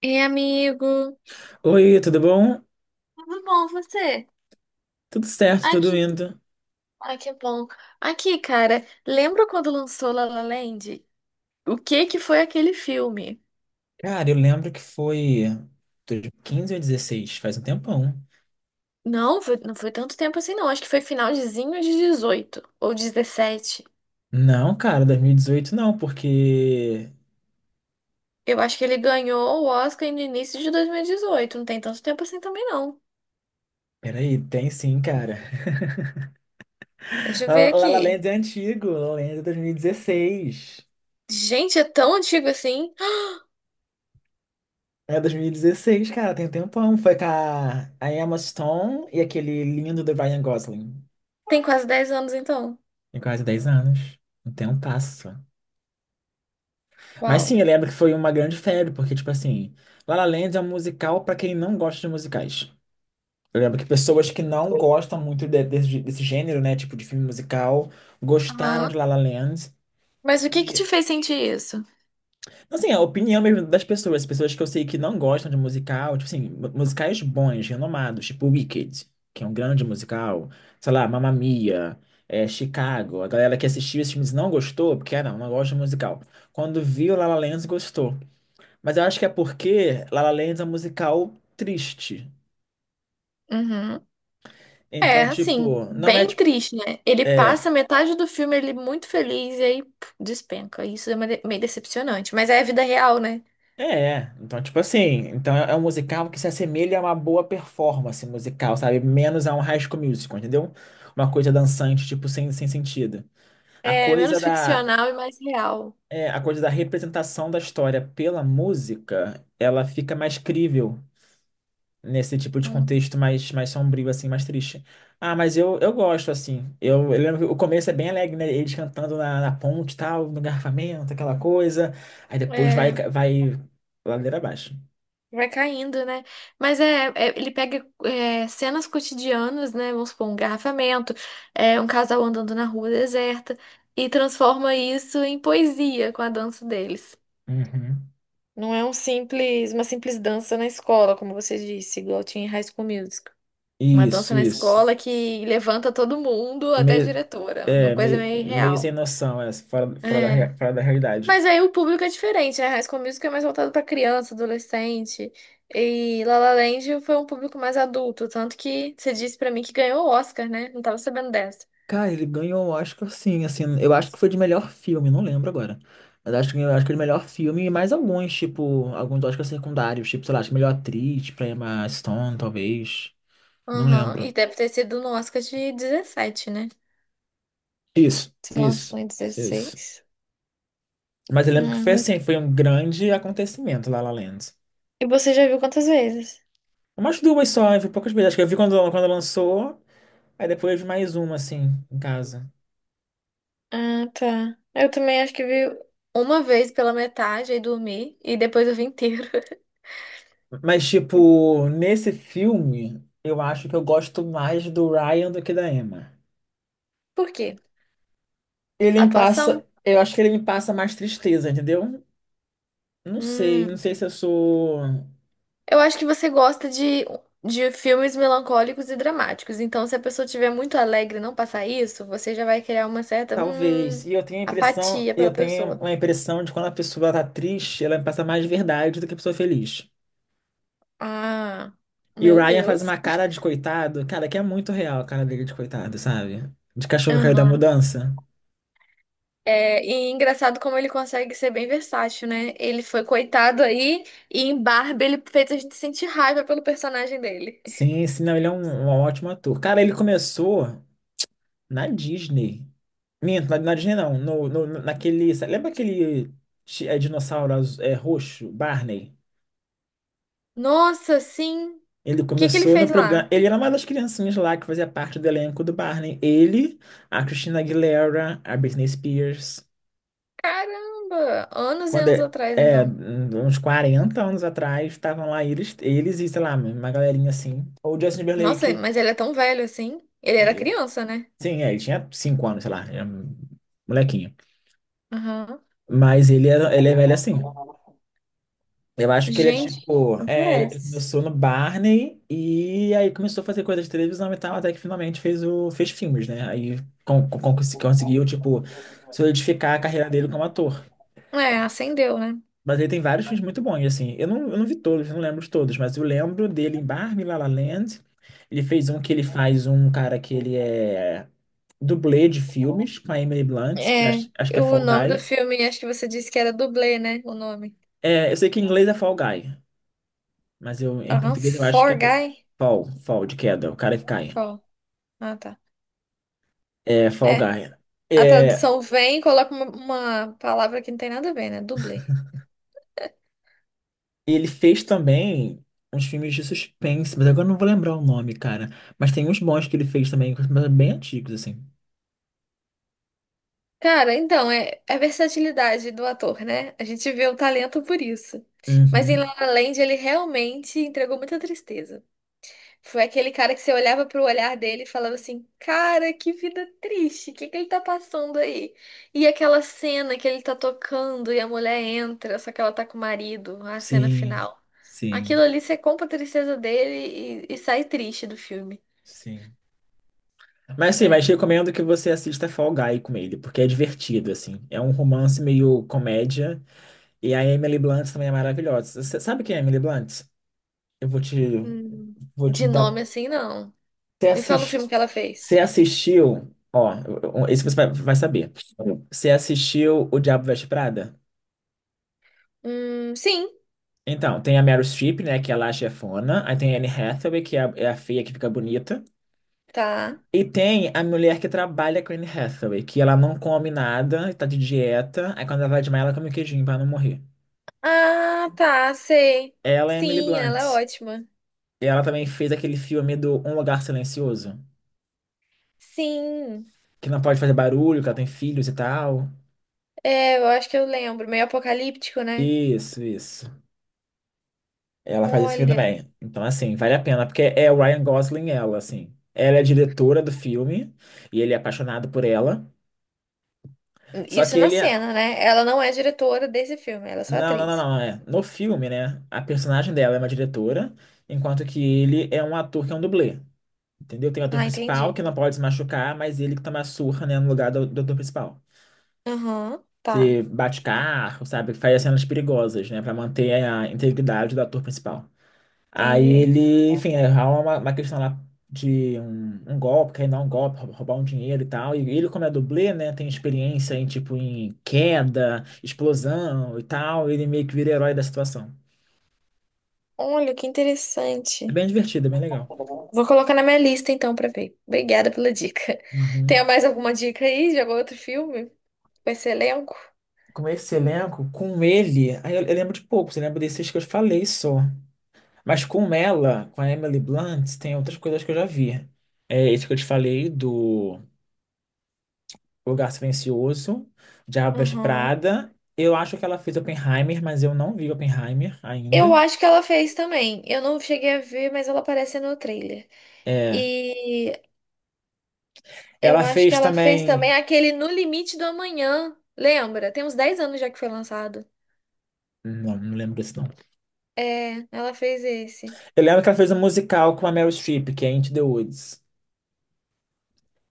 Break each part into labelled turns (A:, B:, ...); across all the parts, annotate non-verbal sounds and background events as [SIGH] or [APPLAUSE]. A: Ei, amigo.
B: Oi, tudo bom?
A: Tudo bom, você?
B: Tudo certo, tudo
A: Aqui.
B: indo.
A: Ai, que bom. Aqui, cara, lembra quando lançou La La Land? O que que foi aquele filme?
B: Cara, eu lembro que foi 2015 ou 2016, faz um tempão.
A: Não, não foi tanto tempo assim, não. Acho que foi finalzinho de 18 ou 17.
B: Não, cara, 2018 não, porque...
A: Eu acho que ele ganhou o Oscar no início de 2018. Não tem tanto tempo assim também, não.
B: Peraí, tem sim, cara.
A: Deixa
B: [LAUGHS]
A: eu ver
B: La La
A: aqui.
B: Land é antigo, La La Land é 2016.
A: Gente, é tão antigo assim.
B: É 2016, cara, tem um tempão. Foi com a Emma Stone e aquele lindo do Ryan Gosling.
A: Tem quase 10 anos, então.
B: Tem quase 10 anos. Não tem um passo. Mas
A: Uau.
B: sim, eu lembro que foi uma grande febre, porque, tipo assim, La La Land é um musical pra quem não gosta de musicais. Eu lembro que pessoas que não gostam muito desse gênero, né, tipo de filme musical, gostaram de
A: Aham.
B: La La Land.
A: Mas o que que te
B: E,
A: fez sentir isso?
B: assim, a opinião mesmo das pessoas, as pessoas que eu sei que não gostam de musical, tipo assim, musicais bons, renomados, tipo Wicked, que é um grande musical, sei lá, Mamma Mia, Chicago. A galera que assistiu esses filmes não gostou, porque, ah, não, não gosta de musical. Quando viu La La Land, gostou. Mas eu acho que é porque La La Land é um musical triste.
A: Uhum. É,
B: Então,
A: assim,
B: tipo, não é
A: bem
B: tipo.
A: triste, né? Ele
B: é,
A: passa metade do filme ele muito feliz e aí puf, despenca. Isso é meio decepcionante, mas é a vida real, né?
B: então, tipo assim, então é um musical que se assemelha a uma boa performance musical, sabe? Menos a um High School Musical, entendeu? Uma coisa dançante, tipo, sem sentido. A
A: É
B: coisa
A: menos
B: da,
A: ficcional e mais real.
B: a coisa da representação da história pela música, ela fica mais crível nesse tipo de
A: Hum.
B: contexto mais sombrio, assim, mais triste. Ah, mas eu gosto, assim. Eu lembro que o começo é bem alegre, né? Eles cantando na ponte e tal, no garfamento, aquela coisa. Aí depois vai,
A: É,
B: vai ladeira abaixo.
A: vai caindo, né? Mas ele pega é, cenas cotidianas, né? Vamos supor, um engarrafamento, é, um casal andando na rua deserta e transforma isso em poesia com a dança deles.
B: Uhum.
A: Não é um simples, uma simples dança na escola, como você disse, igual tinha em High School Music. Uma dança
B: Isso,
A: na Nossa.
B: isso.
A: Escola Nossa. Que levanta todo mundo, até a
B: Meio,
A: diretora. Uma
B: é,
A: coisa
B: meio,
A: meio
B: meio
A: irreal.
B: sem noção,
A: É.
B: fora da realidade.
A: Mas aí o público é diferente, né? High School Musical é mais voltado pra criança, adolescente. E La La Land foi um público mais adulto. Tanto que você disse pra mim que ganhou o Oscar, né? Não tava sabendo dessa.
B: Cara, ele ganhou o Oscar sim, assim, eu acho que foi de melhor filme, não lembro agora. Mas acho que eu acho que ele melhor filme e mais alguns, tipo, alguns Oscars secundários, tipo, sei lá, acho que melhor atriz, tipo, Emma Stone, talvez. Não
A: Aham. E
B: lembro.
A: deve ter sido no Oscar de 17, né?
B: Isso,
A: Se
B: isso,
A: lançou em
B: isso.
A: 16.
B: Mas eu lembro que foi
A: Uhum.
B: assim, foi um grande acontecimento lá La La Land.
A: E você já viu quantas vezes?
B: Umas duas só, eu vi poucas vezes. Acho que eu vi quando lançou, aí depois eu vi mais uma, assim, em casa.
A: Ah, tá. Eu também acho que vi uma vez pela metade e dormi, e depois eu vi inteiro.
B: Mas, tipo, nesse filme, eu acho que eu gosto mais do Ryan do que da Emma.
A: Por quê?
B: Ele me
A: Atuação?
B: passa, eu acho que ele me passa mais tristeza, entendeu? Não sei, não
A: Hum,
B: sei se eu sou.
A: eu acho que você gosta de filmes melancólicos e dramáticos. Então, se a pessoa estiver muito alegre e não passar isso, você já vai criar uma certa,
B: Talvez. E eu tenho a impressão,
A: apatia pela
B: eu tenho
A: pessoa.
B: uma impressão de quando a pessoa tá triste, ela me passa mais verdade do que a pessoa feliz.
A: Ah,
B: E o
A: meu
B: Ryan faz
A: Deus.
B: uma cara de coitado, cara, que é muito real a cara dele de coitado, sabe? De cachorro que caiu da
A: Aham.
B: mudança.
A: É, e engraçado como ele consegue ser bem versátil, né? Ele foi coitado aí e em Barbie ele fez a gente sentir raiva pelo personagem dele.
B: Sim, sim, não, ele é um ótimo ator. Cara, ele começou. Na Disney. Minto, na Disney não. Lembra aquele dinossauro roxo, Barney?
A: Nossa, sim. O
B: Ele
A: que que ele
B: começou no
A: fez
B: programa.
A: lá?
B: Ele era uma das criancinhas lá que fazia parte do elenco do Barney. Ele, a Christina Aguilera, a Britney Spears.
A: Caramba! Anos e
B: Quando
A: anos atrás, então.
B: uns 40 anos atrás, estavam lá eles e, sei lá, uma galerinha assim. Ou Justin
A: Nossa,
B: Timberlake.
A: mas ele é tão velho assim. Ele era
B: Ele,
A: criança, né?
B: sim, ele tinha 5 anos, sei lá. Era um molequinho.
A: Aham.
B: Mas ele é velho assim. Eu acho que ele é
A: Gente,
B: tipo.
A: não
B: Ele
A: parece.
B: começou no Barney e aí começou a fazer coisa de televisão e tal, até que finalmente fez filmes, né? Aí conseguiu, tipo, solidificar a carreira dele como ator.
A: É, acendeu, né?
B: Mas ele tem vários filmes muito bons, assim. Eu não vi todos, não lembro de todos, mas eu lembro dele em Barbie, La La Land. Ele fez um que ele faz um cara que ele é dublê de filmes com a Emily Blunt, que
A: É,
B: acho que é
A: o
B: Fall
A: nome do
B: Guy.
A: filme, acho que você disse que era dublê, né? O nome.
B: Eu sei que em inglês é Fall Guy. Mas em
A: Aham,
B: português eu acho que é
A: For
B: do-
A: Guy?
B: fall, fall de queda, o cara que cai.
A: For. Ah, tá.
B: Fall
A: É,
B: Guy.
A: a
B: É,
A: tradução vem e coloca uma palavra que não tem nada a ver, né? Dublê.
B: Ele fez também uns filmes de suspense, mas agora eu não vou lembrar o nome, cara. Mas tem uns bons que ele fez também, mas bem antigos, assim.
A: Cara, então, é a versatilidade do ator, né? A gente vê o talento por isso. Mas em La
B: Uhum.
A: La Land, ele realmente entregou muita tristeza. Foi aquele cara que você olhava pro olhar dele e falava assim: cara, que vida triste, o que que ele tá passando aí? E aquela cena que ele tá tocando e a mulher entra, só que ela tá com o marido, a cena
B: Sim,
A: final. Aquilo
B: sim,
A: ali você compra a tristeza dele e sai triste do filme,
B: sim. Mas sim,
A: né?
B: mas recomendo que você assista Fall Guy com ele, porque é divertido, assim. É um romance meio comédia. E a Emily Blunt também é maravilhosa. Você sabe quem é a Emily Blunt? Eu vou te,
A: Hum.
B: vou te
A: De nome
B: dar.
A: assim, não.
B: Você
A: Me fala um filme
B: assist...
A: que ela fez.
B: você assistiu, ó, esse você vai saber. Você assistiu O Diabo Veste Prada?
A: Sim,
B: Então, tem a Meryl Streep, né, que é lá a chefona. Aí tem a Anne Hathaway, que é a feia que fica bonita.
A: tá.
B: E tem a mulher que trabalha com a Anne Hathaway, que ela não come nada, tá de dieta. Aí quando ela vai desmaiar, ela come um queijinho pra não morrer.
A: Ah, tá, sei.
B: Ela é Emily
A: Sim, ela é
B: Blunt.
A: ótima.
B: E ela também fez aquele filme do Um Lugar Silencioso,
A: Sim,
B: que não pode fazer barulho, que ela tem filhos e tal.
A: é, eu acho que eu lembro. Meio apocalíptico, né?
B: Isso, isso. Ela faz esse filme
A: Olha,
B: também. Então, assim, vale a pena, porque é o Ryan Gosling ela, assim. Ela é a diretora do filme e ele é apaixonado por ela. Só
A: isso
B: que
A: na
B: ele é...
A: cena, né? Ela não é diretora desse filme, ela é só
B: Não, não, não,
A: atriz.
B: não. É. No filme, né? A personagem dela é uma diretora, enquanto que ele é um ator que é um dublê. Entendeu? Tem o ator
A: Ah,
B: principal
A: entendi.
B: que não pode se machucar, mas ele que toma a surra, né, no lugar do ator principal.
A: Aham, tá,
B: Que bate carro, sabe? Que faz as cenas perigosas, né? Pra manter a integridade do ator principal. Aí
A: entendi.
B: ele, enfim, é uma questão lá de um golpe, querer dar um golpe, roubar um dinheiro e tal. E ele, como é dublê, né, tem experiência em, tipo, em queda, explosão e tal. Ele meio que vira herói da situação.
A: Olha, que
B: É
A: interessante.
B: bem divertido, é bem legal.
A: Vou colocar na minha lista então pra ver. Obrigada pela dica. [LAUGHS] Tem
B: Uhum.
A: mais alguma dica aí de algum outro filme? Com esse elenco?
B: Com esse elenco, com ele, aí eu lembro de poucos, eu lembro desses que eu falei só. Mas com ela, com a Emily Blunt, tem outras coisas que eu já vi. É esse que eu te falei do Lugar Silencioso, Diabo Veste
A: Aham.
B: Prada. Eu acho que ela fez Oppenheimer, mas eu não vi Oppenheimer
A: Eu
B: ainda.
A: acho que ela fez também. Eu não cheguei a ver, mas ela aparece no trailer.
B: É.
A: E eu
B: Ela
A: acho que
B: fez
A: ela fez também
B: também.
A: aquele No Limite do Amanhã. Lembra? Tem uns 10 anos já que foi lançado.
B: Não, não lembro desse nome.
A: É, ela fez esse.
B: Eu lembro que ela fez um musical com a Meryl Streep, que é Into the Woods.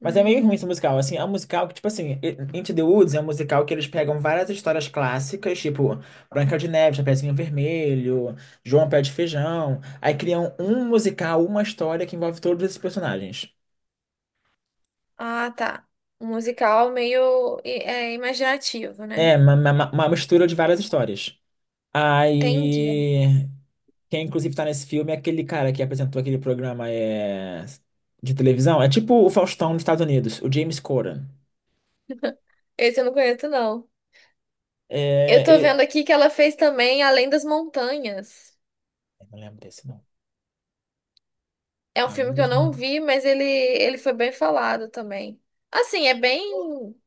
B: Mas é meio ruim esse
A: Hum.
B: musical. Assim, é um musical que, tipo assim, Into the Woods é um musical que eles pegam várias histórias clássicas, tipo Branca de Neve, Chapeuzinho Vermelho, João Pé de Feijão. Aí criam um musical, uma história que envolve todos esses personagens.
A: Ah, tá. Um musical meio é, imaginativo, né?
B: É uma mistura de várias histórias.
A: Entendi.
B: Aí, quem inclusive tá nesse filme é aquele cara que apresentou aquele programa de televisão. É tipo o Faustão dos Estados Unidos, o James Corden.
A: Esse eu não conheço, não. Eu
B: É,
A: tô
B: ele-
A: vendo aqui que ela fez também Além das Montanhas.
B: eu não lembro desse, não.
A: É um
B: Além
A: filme que
B: dos
A: eu não
B: uma...
A: vi, mas ele foi bem falado também. Assim, é bem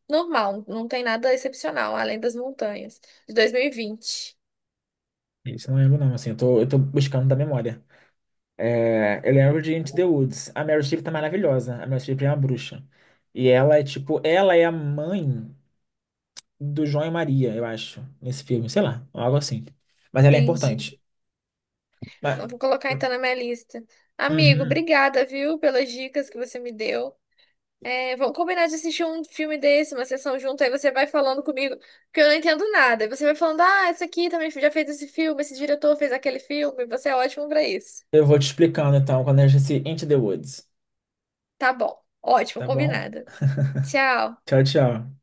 A: normal, não tem nada excepcional, Além das Montanhas, de 2020.
B: isso eu não lembro, não. Assim, eu tô buscando da memória. Eu lembro de Into the Woods. A Meryl Streep tá maravilhosa. A Meryl Streep é uma bruxa. Ela é a mãe do João e Maria, eu acho, nesse filme. Sei lá, algo assim. Mas ela é
A: Entendi.
B: importante.
A: Não
B: Mas...
A: vou colocar então na minha lista. Amigo,
B: Uhum.
A: obrigada, viu, pelas dicas que você me deu. É, vamos combinar de assistir um filme desse, uma sessão junto, aí você vai falando comigo, porque eu não entendo nada. Aí você vai falando, ah, esse aqui também já fez esse filme, esse diretor fez aquele filme, você é ótimo pra isso.
B: Eu vou te explicando então quando a gente se into the woods,
A: Tá bom, ótimo,
B: tá bom?
A: combinado. Tchau.
B: Tchau, tchau.